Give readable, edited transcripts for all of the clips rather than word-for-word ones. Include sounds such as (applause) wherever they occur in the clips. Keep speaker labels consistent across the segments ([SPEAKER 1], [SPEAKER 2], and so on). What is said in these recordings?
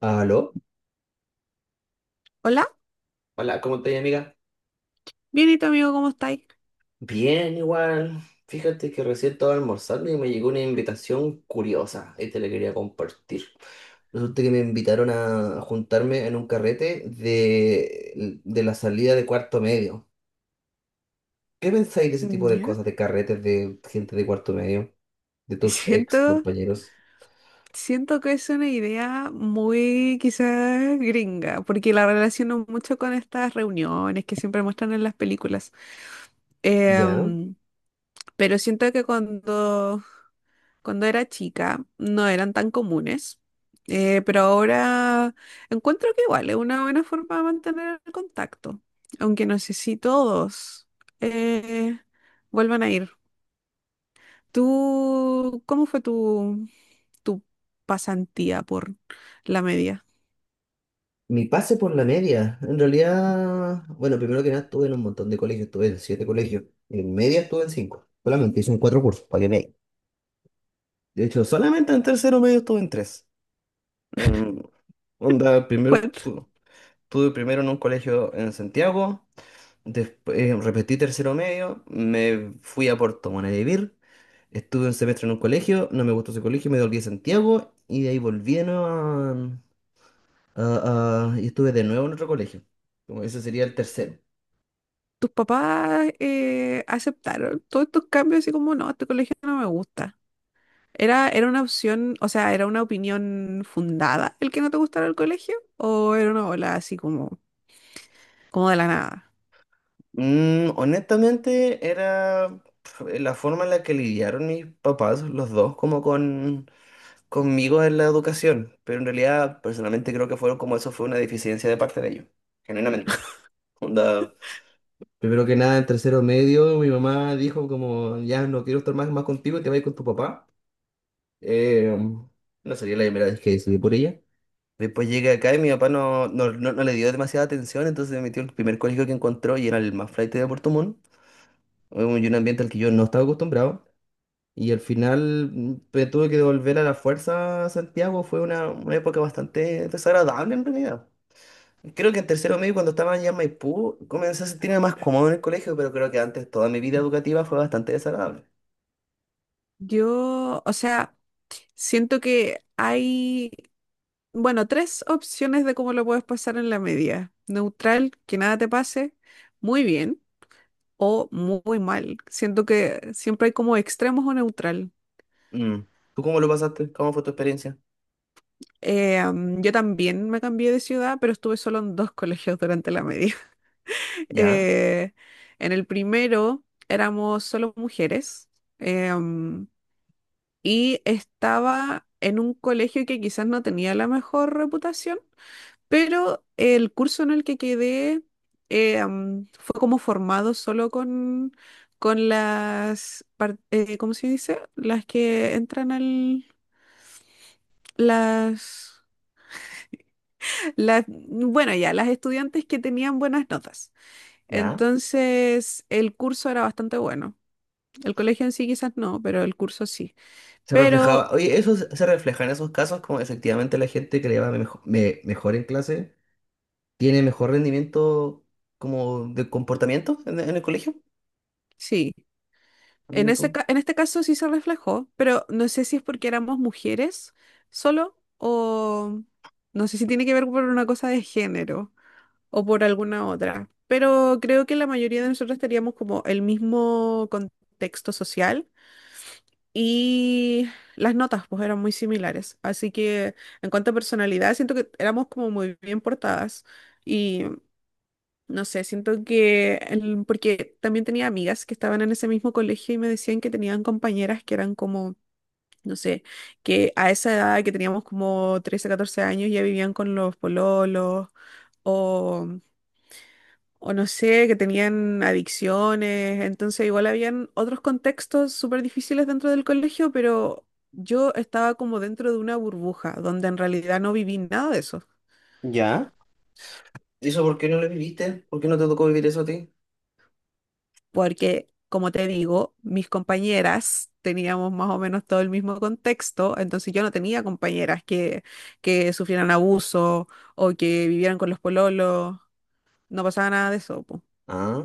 [SPEAKER 1] ¿Aló?
[SPEAKER 2] Hola,
[SPEAKER 1] Hola, ¿cómo estás, amiga?
[SPEAKER 2] bien y tu amigo, ¿cómo estáis?
[SPEAKER 1] Bien, igual. Fíjate que recién estaba almorzando y me llegó una invitación curiosa y te la quería compartir. Resulta que me invitaron a juntarme en un carrete de la salida de cuarto medio. ¿Qué pensáis de ese tipo de
[SPEAKER 2] Ya.
[SPEAKER 1] cosas, de carretes de gente de cuarto medio, de
[SPEAKER 2] (laughs)
[SPEAKER 1] tus ex
[SPEAKER 2] Siento,
[SPEAKER 1] compañeros?
[SPEAKER 2] siento que es una idea muy quizás gringa, porque la relaciono mucho con estas reuniones que siempre muestran en las películas.
[SPEAKER 1] ¿Ya?
[SPEAKER 2] Em, pero siento que cuando era chica no eran tan comunes, pero ahora encuentro que igual es una buena forma de mantener el contacto, aunque no sé si todos eh, vuelvan a ir. ¿Tú cómo fue tu pasantía por la media?
[SPEAKER 1] Mi pase por la media, en realidad, bueno, primero que nada estuve en un montón de colegios, estuve en siete colegios, en media estuve en cinco, solamente hice en cuatro cursos, para que veáis. De hecho, solamente en tercero medio estuve en tres. Em, Onda, primero
[SPEAKER 2] ¿Cuál-
[SPEAKER 1] estuve, primero en un colegio en Santiago, después repetí tercero medio, me fui a Puerto Montt a vivir, estuve un semestre en un colegio, no me gustó ese colegio, me volví a Santiago y de ahí volví de nuevo a, y estuve de nuevo en otro colegio. Como ese sería el tercero.
[SPEAKER 2] ¿Tus papás aceptaron todos estos cambios así como no, este colegio no me gusta? ¿Era una opción, o sea, era una opinión fundada el que no te gustara el colegio? ¿O era una ola así como, como de la nada?
[SPEAKER 1] Honestamente, era la forma en la que lidiaron mis papás, los dos, como conmigo en la educación. Pero en realidad, personalmente creo que fueron como eso fue una deficiencia de parte de ellos, genuinamente. Onda, primero que nada, en tercero medio, mi mamá dijo como, ya no quiero estar más, más contigo, te vas a ir con tu papá. Eh, no sería la primera vez que decidí por ella. Después llegué acá y mi papá no le dio demasiada atención, entonces me metió en el primer colegio que encontró y era el más flaite de Puerto Montt, un ambiente al que yo no estaba acostumbrado. Y al final me tuve que devolver a la fuerza a Santiago. Fue una época bastante desagradable en realidad. Creo que en tercero medio, cuando estaba ya en Maipú, comencé a sentirme más cómodo en el colegio, pero creo que antes toda mi vida educativa fue bastante desagradable.
[SPEAKER 2] Yo, o sea, siento que hay, bueno, tres opciones de cómo lo puedes pasar en la media. Neutral, que nada te pase, muy bien, o muy mal. Siento que siempre hay como extremos o neutral.
[SPEAKER 1] Mm. ¿Tú cómo lo pasaste? ¿Cómo fue tu experiencia?
[SPEAKER 2] Am, yo también me cambié de ciudad, pero estuve solo en dos colegios durante la media.
[SPEAKER 1] ¿Ya?
[SPEAKER 2] Eh, en el primero éramos solo mujeres em, y estaba en un colegio que quizás no tenía la mejor reputación, pero el curso en el que quedé fue como formado solo con las, par- ¿cómo se dice? Las que entran al, las... Las, bueno, ya, las estudiantes que tenían buenas notas.
[SPEAKER 1] ¿Ya?
[SPEAKER 2] Entonces, el curso era bastante bueno. El colegio en sí quizás no, pero el curso sí.
[SPEAKER 1] Se
[SPEAKER 2] Pero
[SPEAKER 1] reflejaba, oye, eso se refleja en esos casos como efectivamente la gente que le va mejor en clase tiene mejor rendimiento como de comportamiento en el colegio.
[SPEAKER 2] sí, en
[SPEAKER 1] Mira
[SPEAKER 2] ese,
[SPEAKER 1] tú.
[SPEAKER 2] ca- en este caso sí se reflejó, pero no sé si es porque éramos mujeres solo o no sé si tiene que ver por una cosa de género o por alguna otra. Pero creo que la mayoría de nosotros teníamos como el mismo contexto social y las notas pues eran muy similares. Así que en cuanto a personalidad, siento que éramos como muy bien portadas. Y No sé, siento que, el- porque también tenía amigas que estaban en ese mismo colegio y me decían que tenían compañeras que eran como, no sé, que a esa edad que teníamos como 13 14 años ya vivían con los pololos o, o no sé, que tenían adicciones. Entonces igual habían otros contextos súper difíciles dentro del colegio, pero yo estaba como dentro de una burbuja donde en realidad no viví nada de eso.
[SPEAKER 1] ¿Ya? ¿Y eso por qué no lo viviste? ¿Por qué no te tocó vivir eso a ti?
[SPEAKER 2] Porque, como te digo, mis compañeras teníamos más o menos todo el mismo contexto, entonces yo no tenía compañeras que sufrieran abuso o que vivieran con los pololos, no pasaba nada de eso, po.
[SPEAKER 1] Ah,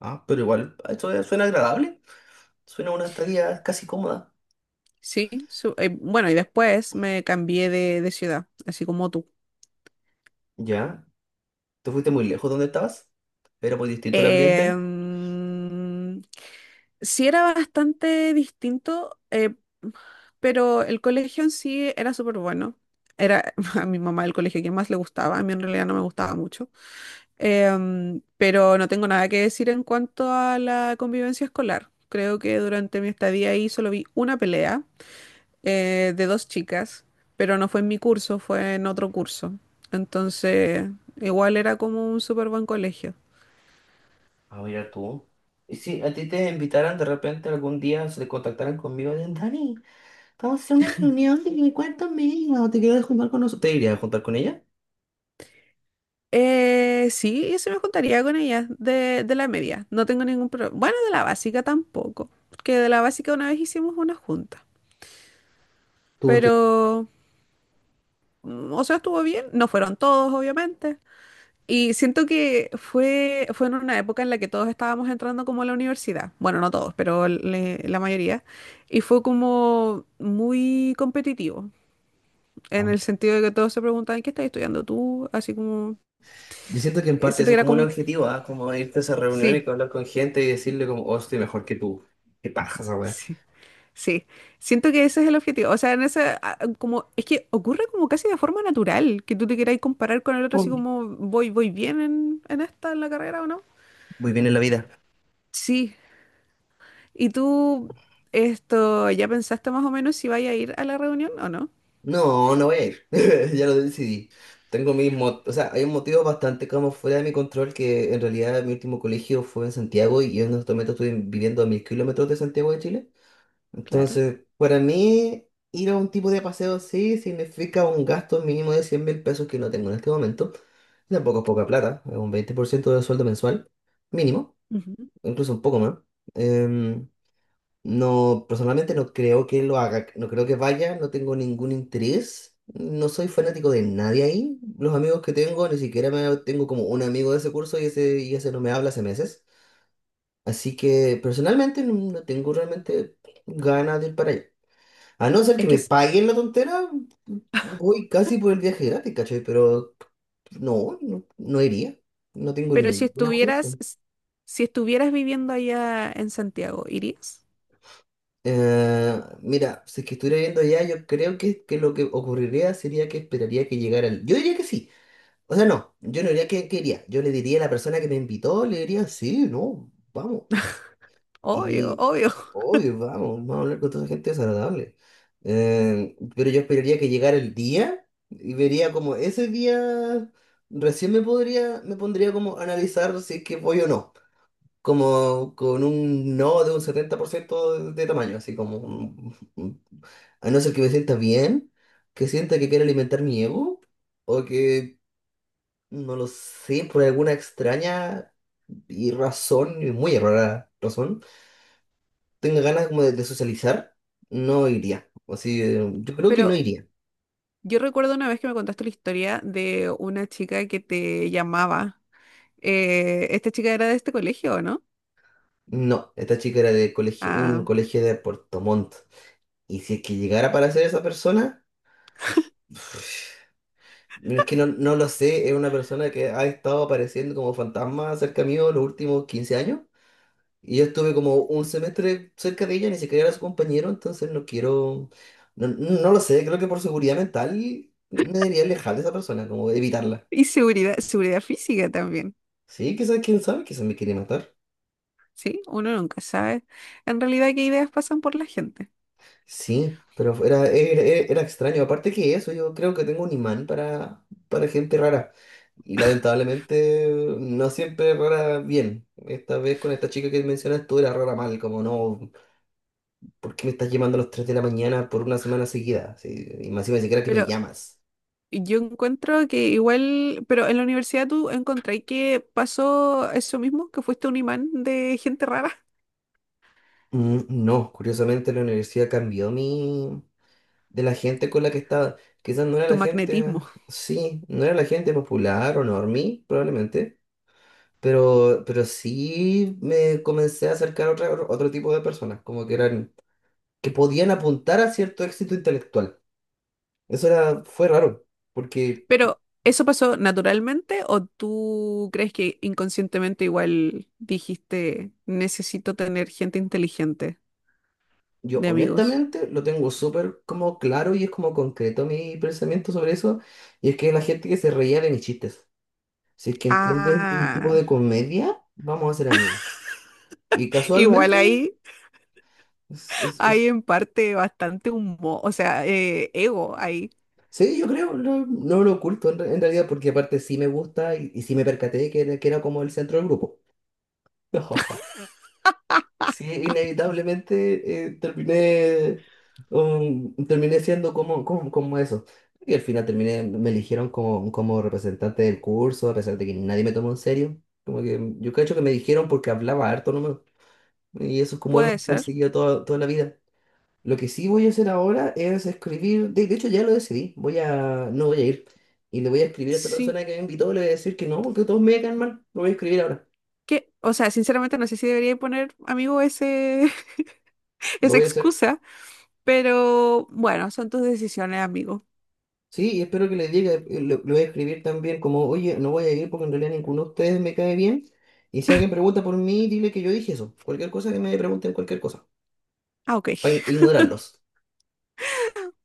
[SPEAKER 1] ah, pero igual, suena agradable. Suena una estadía casi cómoda.
[SPEAKER 2] Sí, su- bueno, y después me cambié de ciudad, así como tú.
[SPEAKER 1] ¿Ya? ¿Te fuiste muy lejos donde estabas? ¿Era muy distinto el ambiente?
[SPEAKER 2] Em, sí era bastante distinto, pero el colegio en sí era súper bueno. Era (laughs) a mi mamá el colegio que más le gustaba, a mí en realidad no me gustaba mucho. Em, pero no tengo nada que decir en cuanto a la convivencia escolar. Creo que durante mi estadía ahí solo vi una pelea de dos chicas, pero no fue en mi curso, fue en otro curso. Entonces, igual era como un súper buen colegio.
[SPEAKER 1] Ah, mira tú. Y si a ti te invitaran de repente algún día, se te contactaran conmigo, Dani, vamos a hacer una reunión de mi cuarto medio, ¿te quieres juntar con nosotros? ¿Te irías a juntar con ella?
[SPEAKER 2] Sí, se me juntaría con ellas de la media. No tengo ningún problema. Bueno, de la básica tampoco, porque de la básica una vez hicimos una junta.
[SPEAKER 1] ¿Tú entiendes?
[SPEAKER 2] Pero, mm, o sea, estuvo bien. No fueron todos, obviamente. Y siento que fue en una época en la que todos estábamos entrando como a la universidad. Bueno, no todos, pero le- la mayoría. Y fue como muy competitivo, en el sentido de que todos se preguntaban, ¿qué estás estudiando tú? Así como,
[SPEAKER 1] Yo siento que en parte
[SPEAKER 2] siento
[SPEAKER 1] eso
[SPEAKER 2] que
[SPEAKER 1] es
[SPEAKER 2] era
[SPEAKER 1] como un
[SPEAKER 2] como,
[SPEAKER 1] objetivo, ¿ah? Como irte a esa reunión y
[SPEAKER 2] sí,
[SPEAKER 1] hablar con gente y decirle como, oh, estoy mejor que tú. ¿Qué paja esa weá?
[SPEAKER 2] sí, sí. Siento que ese es el objetivo. O sea, en ese, ah, como, es que ocurre como casi de forma natural, que tú te quieras comparar con el otro, así
[SPEAKER 1] Mm.
[SPEAKER 2] como, voy bien en esta, en la carrera o no.
[SPEAKER 1] Muy bien en la vida.
[SPEAKER 2] Sí, ¿Y tú, esto, ya pensaste más o menos si vaya a ir a la reunión o no?
[SPEAKER 1] No, no voy a ir. (laughs) Ya lo decidí. Tengo o sea, hay un motivo bastante como fuera de mi control que en realidad mi último colegio fue en Santiago y yo en estos momentos estoy viviendo a 1.000 kilómetros de Santiago de Chile.
[SPEAKER 2] Claro.
[SPEAKER 1] Entonces, para mí, ir a un tipo de paseo así significa un gasto mínimo de 100.000 pesos que no tengo en este momento. Tampoco es poca plata, es un 20% del sueldo mensual, mínimo,
[SPEAKER 2] Ujú.
[SPEAKER 1] incluso un poco más. Em, no, personalmente no creo que lo haga, no creo que vaya, no tengo ningún interés, no soy fanático de nadie ahí. Los amigos que tengo, ni siquiera me, tengo como un amigo de ese curso y ese no me habla hace meses. Así que personalmente no tengo realmente ganas de ir para allá. A no ser
[SPEAKER 2] Es
[SPEAKER 1] que
[SPEAKER 2] que,
[SPEAKER 1] me
[SPEAKER 2] s-
[SPEAKER 1] paguen la tontera, voy casi por el viaje gratis, ¿cachai? Pero no iría. No tengo
[SPEAKER 2] pero si
[SPEAKER 1] ninguna
[SPEAKER 2] estuvieras,
[SPEAKER 1] motivación.
[SPEAKER 2] s- si estuvieras viviendo allá en Santiago, ¿irías?
[SPEAKER 1] Mira, si es que estuviera viendo ya, yo creo que lo que ocurriría sería que esperaría que llegara el... Yo diría que sí. O sea, no, yo no diría que iría. Yo le diría a la persona que me invitó, le diría, sí, no, vamos.
[SPEAKER 2] Obvio,
[SPEAKER 1] Y
[SPEAKER 2] obvio.
[SPEAKER 1] es
[SPEAKER 2] (laughs)
[SPEAKER 1] obvio, vamos, vamos a hablar con toda esa gente desagradable. Pero yo esperaría que llegara el día y vería como ese día recién me pondría como a analizar si es que voy o no. Como con un no de un 70% de tamaño, así como a no ser que me sienta bien, que sienta que quiere alimentar mi ego, o que no lo sé, por alguna extraña y muy errada razón tenga ganas como de socializar, no iría. O sea, yo creo que no
[SPEAKER 2] Pero
[SPEAKER 1] iría.
[SPEAKER 2] yo recuerdo una vez que me contaste la historia de una chica que te llamaba. Esta chica era de este colegio, ¿o no?
[SPEAKER 1] No, esta chica era de colegio, un
[SPEAKER 2] Ah,
[SPEAKER 1] colegio de Puerto Montt. Y si es que llegara para ser esa persona, bueno, es que no, no lo sé, es una persona que ha estado apareciendo como fantasma cerca mío los últimos 15 años. Y yo estuve como un semestre cerca de ella, ni siquiera era su compañero, entonces no quiero, no, no lo sé, creo que por seguridad mental me debería alejar de esa persona, como evitarla.
[SPEAKER 2] y seguridad, seguridad física también,
[SPEAKER 1] Sí, quizás, quién sabe, quizás me quiere matar.
[SPEAKER 2] ¿sí? Uno nunca sabe en realidad qué ideas pasan por la gente.
[SPEAKER 1] Sí, pero era extraño. Aparte que eso, yo creo que tengo un imán para gente rara. Y lamentablemente no siempre rara bien. Esta vez con esta chica que mencionas tú era rara mal, como no, ¿por qué me estás llamando a las 3 de la mañana por una semana seguida? Sí, y más encima ni siquiera que me
[SPEAKER 2] Pero
[SPEAKER 1] llamas.
[SPEAKER 2] yo encuentro que igual, pero en la universidad tú encontré que pasó eso mismo, que fuiste un imán de gente rara,
[SPEAKER 1] No, curiosamente la universidad cambió mi... de la gente con la que estaba. Quizás no
[SPEAKER 2] (laughs)
[SPEAKER 1] era
[SPEAKER 2] tu
[SPEAKER 1] la gente,
[SPEAKER 2] magnetismo.
[SPEAKER 1] sí, no era la gente popular o normie, probablemente. Pero sí me comencé a acercar a otro tipo de personas, como que eran, que podían apuntar a cierto éxito intelectual. Eso era, fue raro, porque
[SPEAKER 2] Pero, ¿eso pasó naturalmente o tú crees que inconscientemente igual dijiste, necesito tener gente inteligente
[SPEAKER 1] yo
[SPEAKER 2] de amigos?
[SPEAKER 1] honestamente lo tengo súper como claro y es como concreto mi pensamiento sobre eso, y es que la gente que se reía de mis chistes. Si es que entiendes mi tipo
[SPEAKER 2] Ah,
[SPEAKER 1] de comedia, vamos a ser amigos. Y
[SPEAKER 2] igual
[SPEAKER 1] casualmente,
[SPEAKER 2] ahí
[SPEAKER 1] s- s-
[SPEAKER 2] hay
[SPEAKER 1] s-
[SPEAKER 2] en parte bastante humo, o sea, ego ahí.
[SPEAKER 1] sí, yo creo, no, no lo oculto en realidad, porque aparte sí me gusta y sí me percaté que era como el centro del grupo. (laughs) No, sí, inevitablemente terminé siendo como eso. Y al final terminé, me eligieron como representante del curso, a pesar de que nadie me tomó en serio. Como que yo creo que me dijeron porque hablaba harto nomás. Y eso es como algo que
[SPEAKER 2] Puede
[SPEAKER 1] me ha
[SPEAKER 2] ser,
[SPEAKER 1] perseguido toda, toda la vida. Lo que sí voy a hacer ahora es escribir, de hecho ya lo decidí, no voy a ir. Y le voy a escribir a esta
[SPEAKER 2] sí.
[SPEAKER 1] persona que me invitó, le voy a decir que no, porque todos me caen mal. Lo voy a escribir ahora,
[SPEAKER 2] Que o sea, sinceramente no sé si debería poner amigo ese
[SPEAKER 1] lo
[SPEAKER 2] esa
[SPEAKER 1] voy a hacer.
[SPEAKER 2] excusa, pero bueno, son tus decisiones, amigo.
[SPEAKER 1] Sí, y espero que le diga, lo voy a escribir también como, oye, no voy a ir porque en realidad ninguno de ustedes me cae bien. Y si alguien pregunta por mí, dile que yo dije eso. Cualquier cosa que me pregunten, cualquier cosa.
[SPEAKER 2] Ah, ok.
[SPEAKER 1] Para
[SPEAKER 2] (laughs)
[SPEAKER 1] ignorarlos.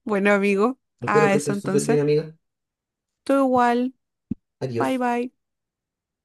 [SPEAKER 2] Bueno, amigo,
[SPEAKER 1] Espero
[SPEAKER 2] a
[SPEAKER 1] que
[SPEAKER 2] eso
[SPEAKER 1] estés súper bien,
[SPEAKER 2] entonces.
[SPEAKER 1] amiga.
[SPEAKER 2] Tú igual. Bye
[SPEAKER 1] Adiós.
[SPEAKER 2] bye.